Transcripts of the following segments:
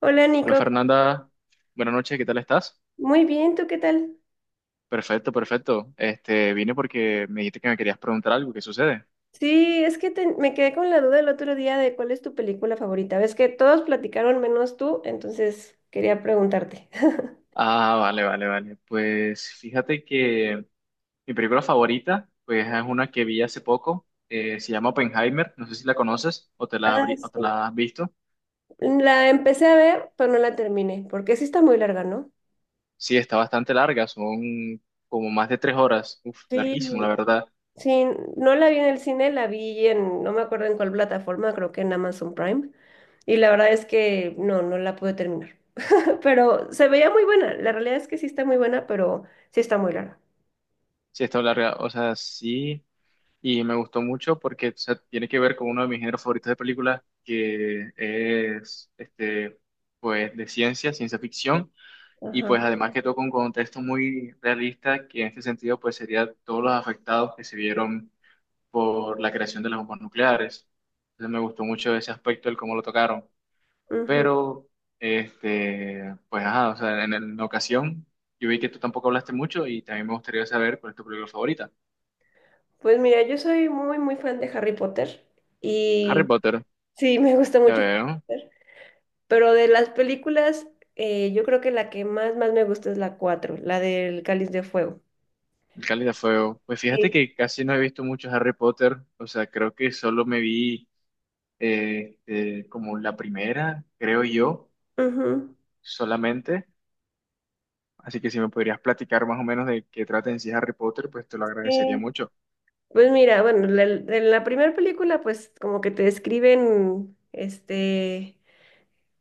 Hola Hola Nico, Fernanda, buenas noches, ¿qué tal estás? muy bien, ¿tú qué tal? Perfecto, perfecto. Vine porque me dijiste que me querías preguntar algo, ¿qué sucede? Sí, es que me quedé con la duda el otro día de cuál es tu película favorita. Ves que todos platicaron menos tú, entonces quería preguntarte. Ah, vale, vale, vale. Pues fíjate que mi película favorita, pues es una que vi hace poco, se llama Oppenheimer, no sé si la conoces o te la, Ah, o te sí. la has visto. La empecé a ver, pero no la terminé, porque sí está muy larga, ¿no? Sí, está bastante larga, son como más de tres horas, uf, larguísimo, la Sí, verdad. sí, no la vi en el cine, la vi en, no me acuerdo en cuál plataforma, creo que en Amazon Prime, y la verdad es que no la pude terminar. Pero se veía muy buena, la realidad es que sí está muy buena, pero sí está muy larga. Sí, está larga, o sea, sí. Y me gustó mucho porque, o sea, tiene que ver con uno de mis géneros favoritos de películas, que es pues de ciencia, ciencia ficción, y pues Ajá. además que toca un contexto muy realista, que en este sentido pues sería todos los afectados que se vieron por la creación de las bombas nucleares. Entonces me gustó mucho ese aspecto, el cómo lo tocaron. Pero pues ajá, o sea, en ocasión yo vi que tú tampoco hablaste mucho y también me gustaría saber cuál es tu película favorita. Pues mira, yo soy muy, muy fan de Harry Potter Harry y Potter, sí, me gusta ya mucho Harry veo. Potter, pero de las películas, yo creo que la que más, más me gusta es la 4, la del Cáliz de Fuego. El Cáliz de Fuego. Pues fíjate Sí. que casi no he visto mucho Harry Potter, o sea, creo que solo me vi como la primera, creo yo, Ujú. solamente. Así que si me podrías platicar más o menos de qué trata en sí Harry Potter, pues te lo agradecería Sí. mucho. Pues mira, bueno, en la primera película, pues como que te describen, este,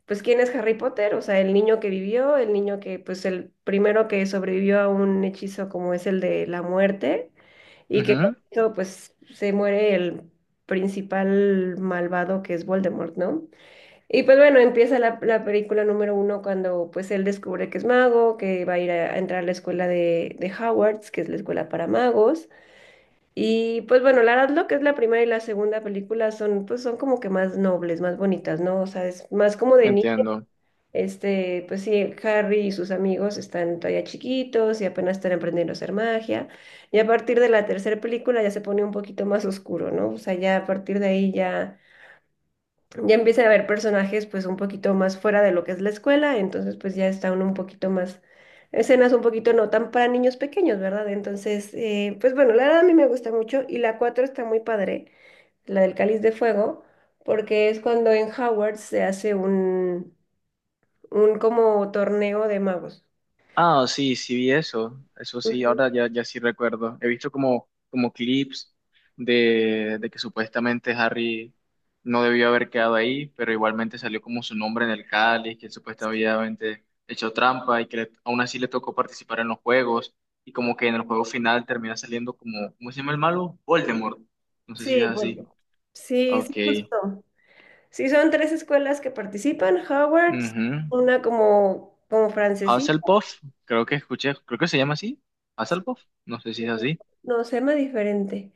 pues, ¿quién es Harry Potter? O sea, el niño que vivió, el niño que, pues, el primero que sobrevivió a un hechizo como es el de la muerte, y que con Ujú. esto, pues, se muere el principal malvado que es Voldemort, ¿no? Y pues bueno, empieza la película número 1 cuando pues él descubre que es mago, que va a ir a entrar a la escuela de Hogwarts, que es la escuela para magos. Y pues bueno, la verdad lo que es la primera y la segunda película son pues son como que más nobles, más bonitas, ¿no? O sea, es más como de niño Entiendo. este, pues sí, Harry y sus amigos están todavía chiquitos y apenas están aprendiendo a hacer magia. Y a partir de la tercera película ya se pone un poquito más oscuro, ¿no? O sea, ya a partir de ahí ya, ya empiezan a haber personajes pues un poquito más fuera de lo que es la escuela, entonces pues ya está uno un poquito más, escenas un poquito no tan para niños pequeños, ¿verdad? Entonces, pues bueno, la verdad a mí me gusta mucho y la 4 está muy padre, la del Cáliz de Fuego, porque es cuando en Howard se hace un como torneo de magos. Ah, sí, sí vi eso, eso sí, Ujú. ahora ya, ya sí recuerdo. He visto como, como clips de que supuestamente Harry no debió haber quedado ahí, pero igualmente salió como su nombre en el cáliz, que él supuestamente hecho trampa y que aún así le tocó participar en los juegos y como que en el juego final termina saliendo como, ¿cómo se llama el malo? Voldemort. No sé si Sí, es así. bueno. Sí, sí, Ok. justo. Sí, son tres escuelas que participan, Howard's, Mhm. una como, como francesita, Hufflepuff, creo que escuché, creo que se llama así. Hufflepuff, no sé si es no, se llama diferente.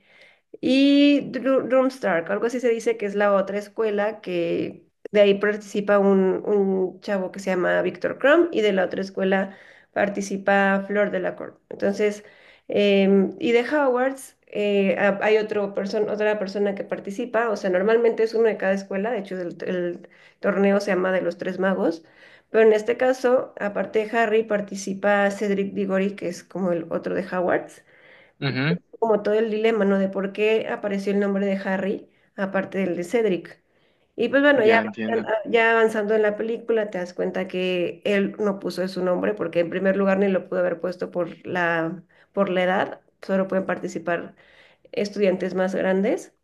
Y Drumstark, algo así se dice que es la otra escuela que de ahí participa un chavo que se llama Víctor Crumb y de la otra escuela participa Flor Delacour. Entonces, em, y de Hogwarts hay otro otra persona que participa, o sea, normalmente es uno de cada escuela, de hecho el torneo se llama de los Tres Magos, pero en este caso, aparte de Harry, participa Cedric Diggory, que es como el otro de Hogwarts así. como todo el dilema, ¿no? De por qué apareció el nombre de Harry, aparte del de Cedric. Y pues bueno, ya, Ya entiendo. ya avanzando en la película, te das cuenta que él no puso su nombre, porque en primer lugar ni lo pudo haber puesto por la edad, solo pueden participar estudiantes más grandes.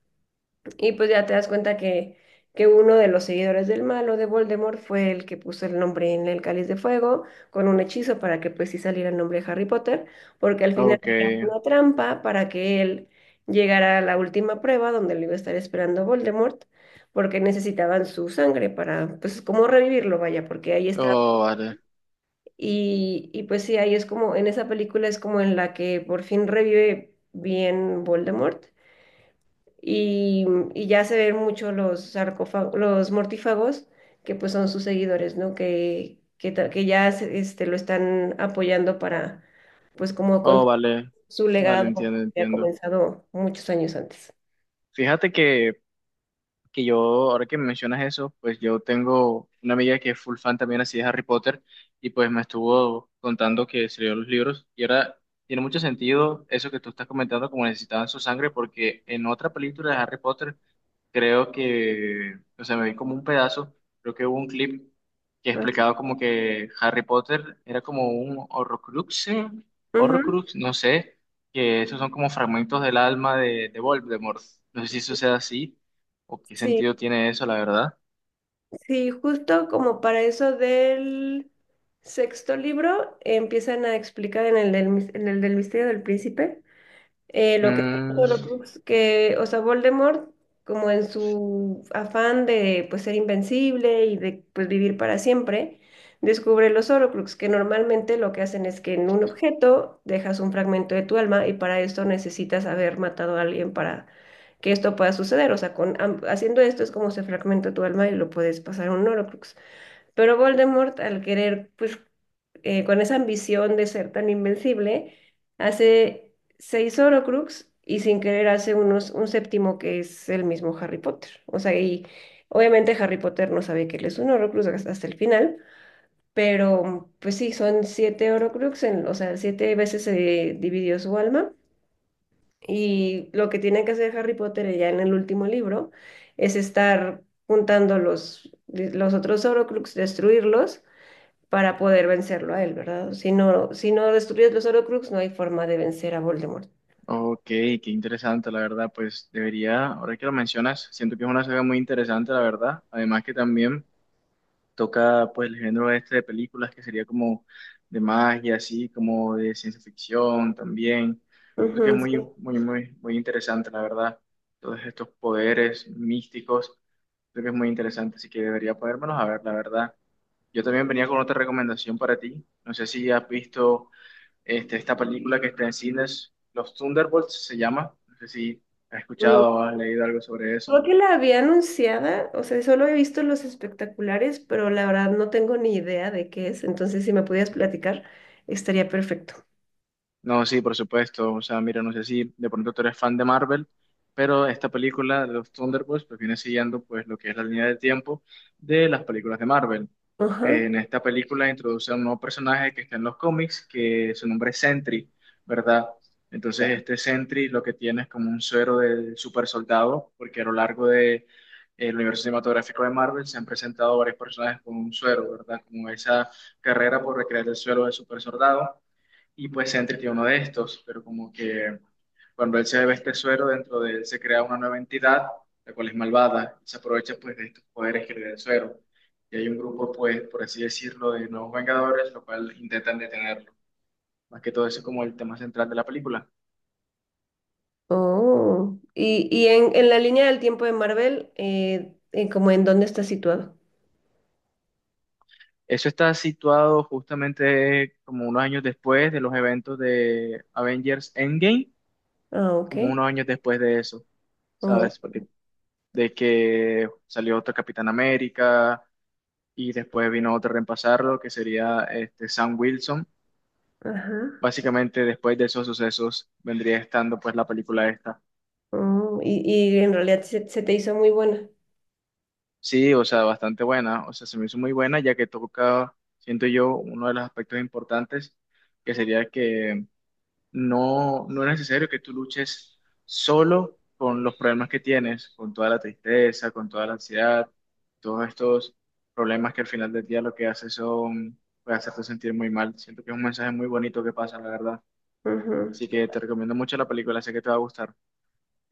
Y pues ya te das cuenta que uno de los seguidores del malo de Voldemort fue el que puso el nombre en el cáliz de fuego con un hechizo para que pues sí saliera el nombre de Harry Potter, porque al final Ok. era una trampa para que él llegara a la última prueba donde lo iba a estar esperando Voldemort, porque necesitaban su sangre para pues como revivirlo, vaya, porque ahí está. Oh, vale. Y pues sí, ahí es como, en esa película es como en la que por fin revive bien Voldemort y, y ya se ven mucho los sarcófagos, los mortífagos, que pues son sus seguidores, ¿no? Que, que ya este, lo están apoyando para, pues como con Oh, vale. su Vale, legado entiendo, que ha entiendo. comenzado muchos años antes. Fíjate que yo, ahora que me mencionas eso, pues yo tengo una amiga que es full fan también así de Harry Potter, y pues me estuvo contando que se leyó los libros, y ahora tiene mucho sentido eso que tú estás comentando, como necesitaban su sangre, porque en otra película de Harry Potter creo que, o sea, me vi como un pedazo, creo que hubo un clip que Ah, explicaba como que Harry Potter era como un Horrocrux, ujú, Horrocrux, no sé, que esos son como fragmentos del alma de Voldemort. No sé si eso sea así o qué sí, sentido tiene eso, la verdad. sí, justo como para eso del sexto libro empiezan a explicar en el del, en el del misterio del príncipe. Lo que Mm, Horrocrux, que, o sea, Voldemort, como en su afán de pues ser invencible y de pues vivir para siempre, descubre los Horrocrux, que normalmente lo que hacen es que en un objeto dejas un fragmento de tu alma y para esto necesitas haber matado a alguien para que esto pueda suceder. O sea, con, haciendo esto es como se fragmenta tu alma y lo puedes pasar a un Horrocrux. Pero Voldemort, al querer pues con esa ambición de ser tan invencible, hace 6 Horcrux y sin querer hace unos, un séptimo que es el mismo Harry Potter. O sea, y obviamente Harry Potter no sabe que él es un Horcrux hasta el final, pero pues sí, son 7 Horcrux, o sea, siete veces se dividió su alma. Y lo que tiene que hacer Harry Potter ya en el último libro es estar juntando los otros Horcrux, destruirlos para poder vencerlo a él, ¿verdad? Si no, si no destruyes los Horcrux, no hay forma de vencer a Voldemort. ok, qué interesante, la verdad. Pues debería, ahora que lo mencionas, siento que es una saga muy interesante, la verdad. Además que también toca pues el género este de películas, que sería como de magia, así como de ciencia ficción también. Creo que es Ujú, muy, sí, muy, muy, muy interesante, la verdad. Todos estos poderes místicos, creo que es muy interesante, así que debería podérmelos a ver, la verdad. Yo también venía con otra recomendación para ti. No sé si has visto esta película que está en cines, Los Thunderbolts se llama. No sé si has no. escuchado o has leído algo sobre Creo eso. que la había anunciada, o sea, solo he visto los espectaculares, pero la verdad no tengo ni idea de qué es, entonces si me pudieras platicar, estaría perfecto. No, sí, por supuesto. O sea, mira, no sé si de pronto tú eres fan de Marvel, pero esta película de los Thunderbolts pues viene siguiendo pues lo que es la línea de tiempo de las películas de Marvel. Ajá. En esta película introduce a un nuevo personaje que está en los cómics, que su nombre es Sentry, ¿verdad? Entonces este Sentry lo que tiene es como un suero de super soldado, porque a lo largo de el universo cinematográfico de Marvel se han presentado varios personajes con un suero, ¿verdad? Como esa carrera por recrear el suero de super soldado, y pues Sentry tiene uno de estos, pero como que cuando él se bebe este suero, dentro de él se crea una nueva entidad, la cual es malvada, y se aprovecha pues de estos poderes que le da el suero. Y hay un grupo, pues, por así decirlo, de nuevos Vengadores, lo cual intentan detenerlo. Más que todo eso es como el tema central de la película. Oh, y en la línea del tiempo de Marvel, como en dónde está situado. Eso está situado justamente como unos años después de los eventos de Avengers Endgame, Ah, ok. como unos años después de eso, Oh, ¿sabes? Porque de que salió otro Capitán América, y después vino otro a reemplazarlo, que sería Sam Wilson. ajá. Básicamente después de esos sucesos vendría estando pues la película esta. Oh, y en realidad se, se te hizo muy buena. Sí, o sea, bastante buena, o sea, se me hizo muy buena ya que toca, siento yo, uno de los aspectos importantes, que sería que no, no es necesario que tú luches solo con los problemas que tienes, con toda la tristeza, con toda la ansiedad, todos estos problemas que al final del día lo que hace son, puede hacerte sentir muy mal. Siento que es un mensaje muy bonito que pasa, la verdad. Ujú. Así que te recomiendo mucho la película, sé que te va a gustar.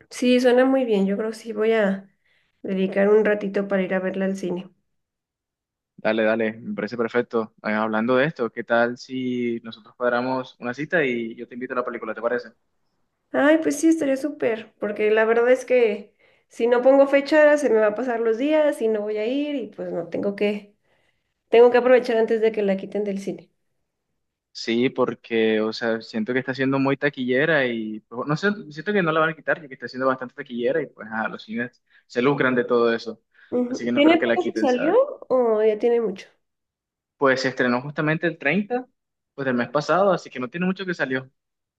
Sí, suena muy bien. Yo creo que sí voy a dedicar un ratito para ir a verla al cine. Dale, dale, me parece perfecto. Hablando de esto, ¿qué tal si nosotros cuadramos una cita y yo te invito a la película, ¿te parece? Ay, pues sí, estaría súper, porque la verdad es que si no pongo fecha, se me va a pasar los días y no voy a ir y pues no, tengo que aprovechar antes de que la quiten del cine. Sí, porque, o sea, siento que está siendo muy taquillera y, pues, no sé, siento que no la van a quitar, ya que está siendo bastante taquillera y, pues, a los cines se lucran de todo eso. Así Ujú. que no creo ¿Tiene que la poco que quiten, salió ¿sabes? o ya tiene mucho? Pues se estrenó justamente el 30, pues, del mes pasado, así que no tiene mucho que salió,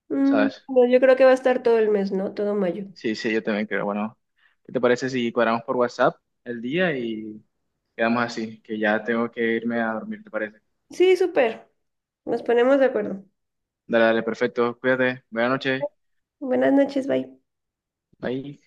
Mm, ¿sabes? no, yo creo que va a estar todo el mes, ¿no? Todo mayo. Sí, sí, yo también creo. Bueno, ¿qué te parece si cuadramos por WhatsApp el día y quedamos así? Que ya tengo que irme a dormir, ¿te parece? Sí, súper. Nos ponemos de acuerdo. Dale, dale, perfecto. Cuídate. Buenas noches. Buenas noches, bye. Bye.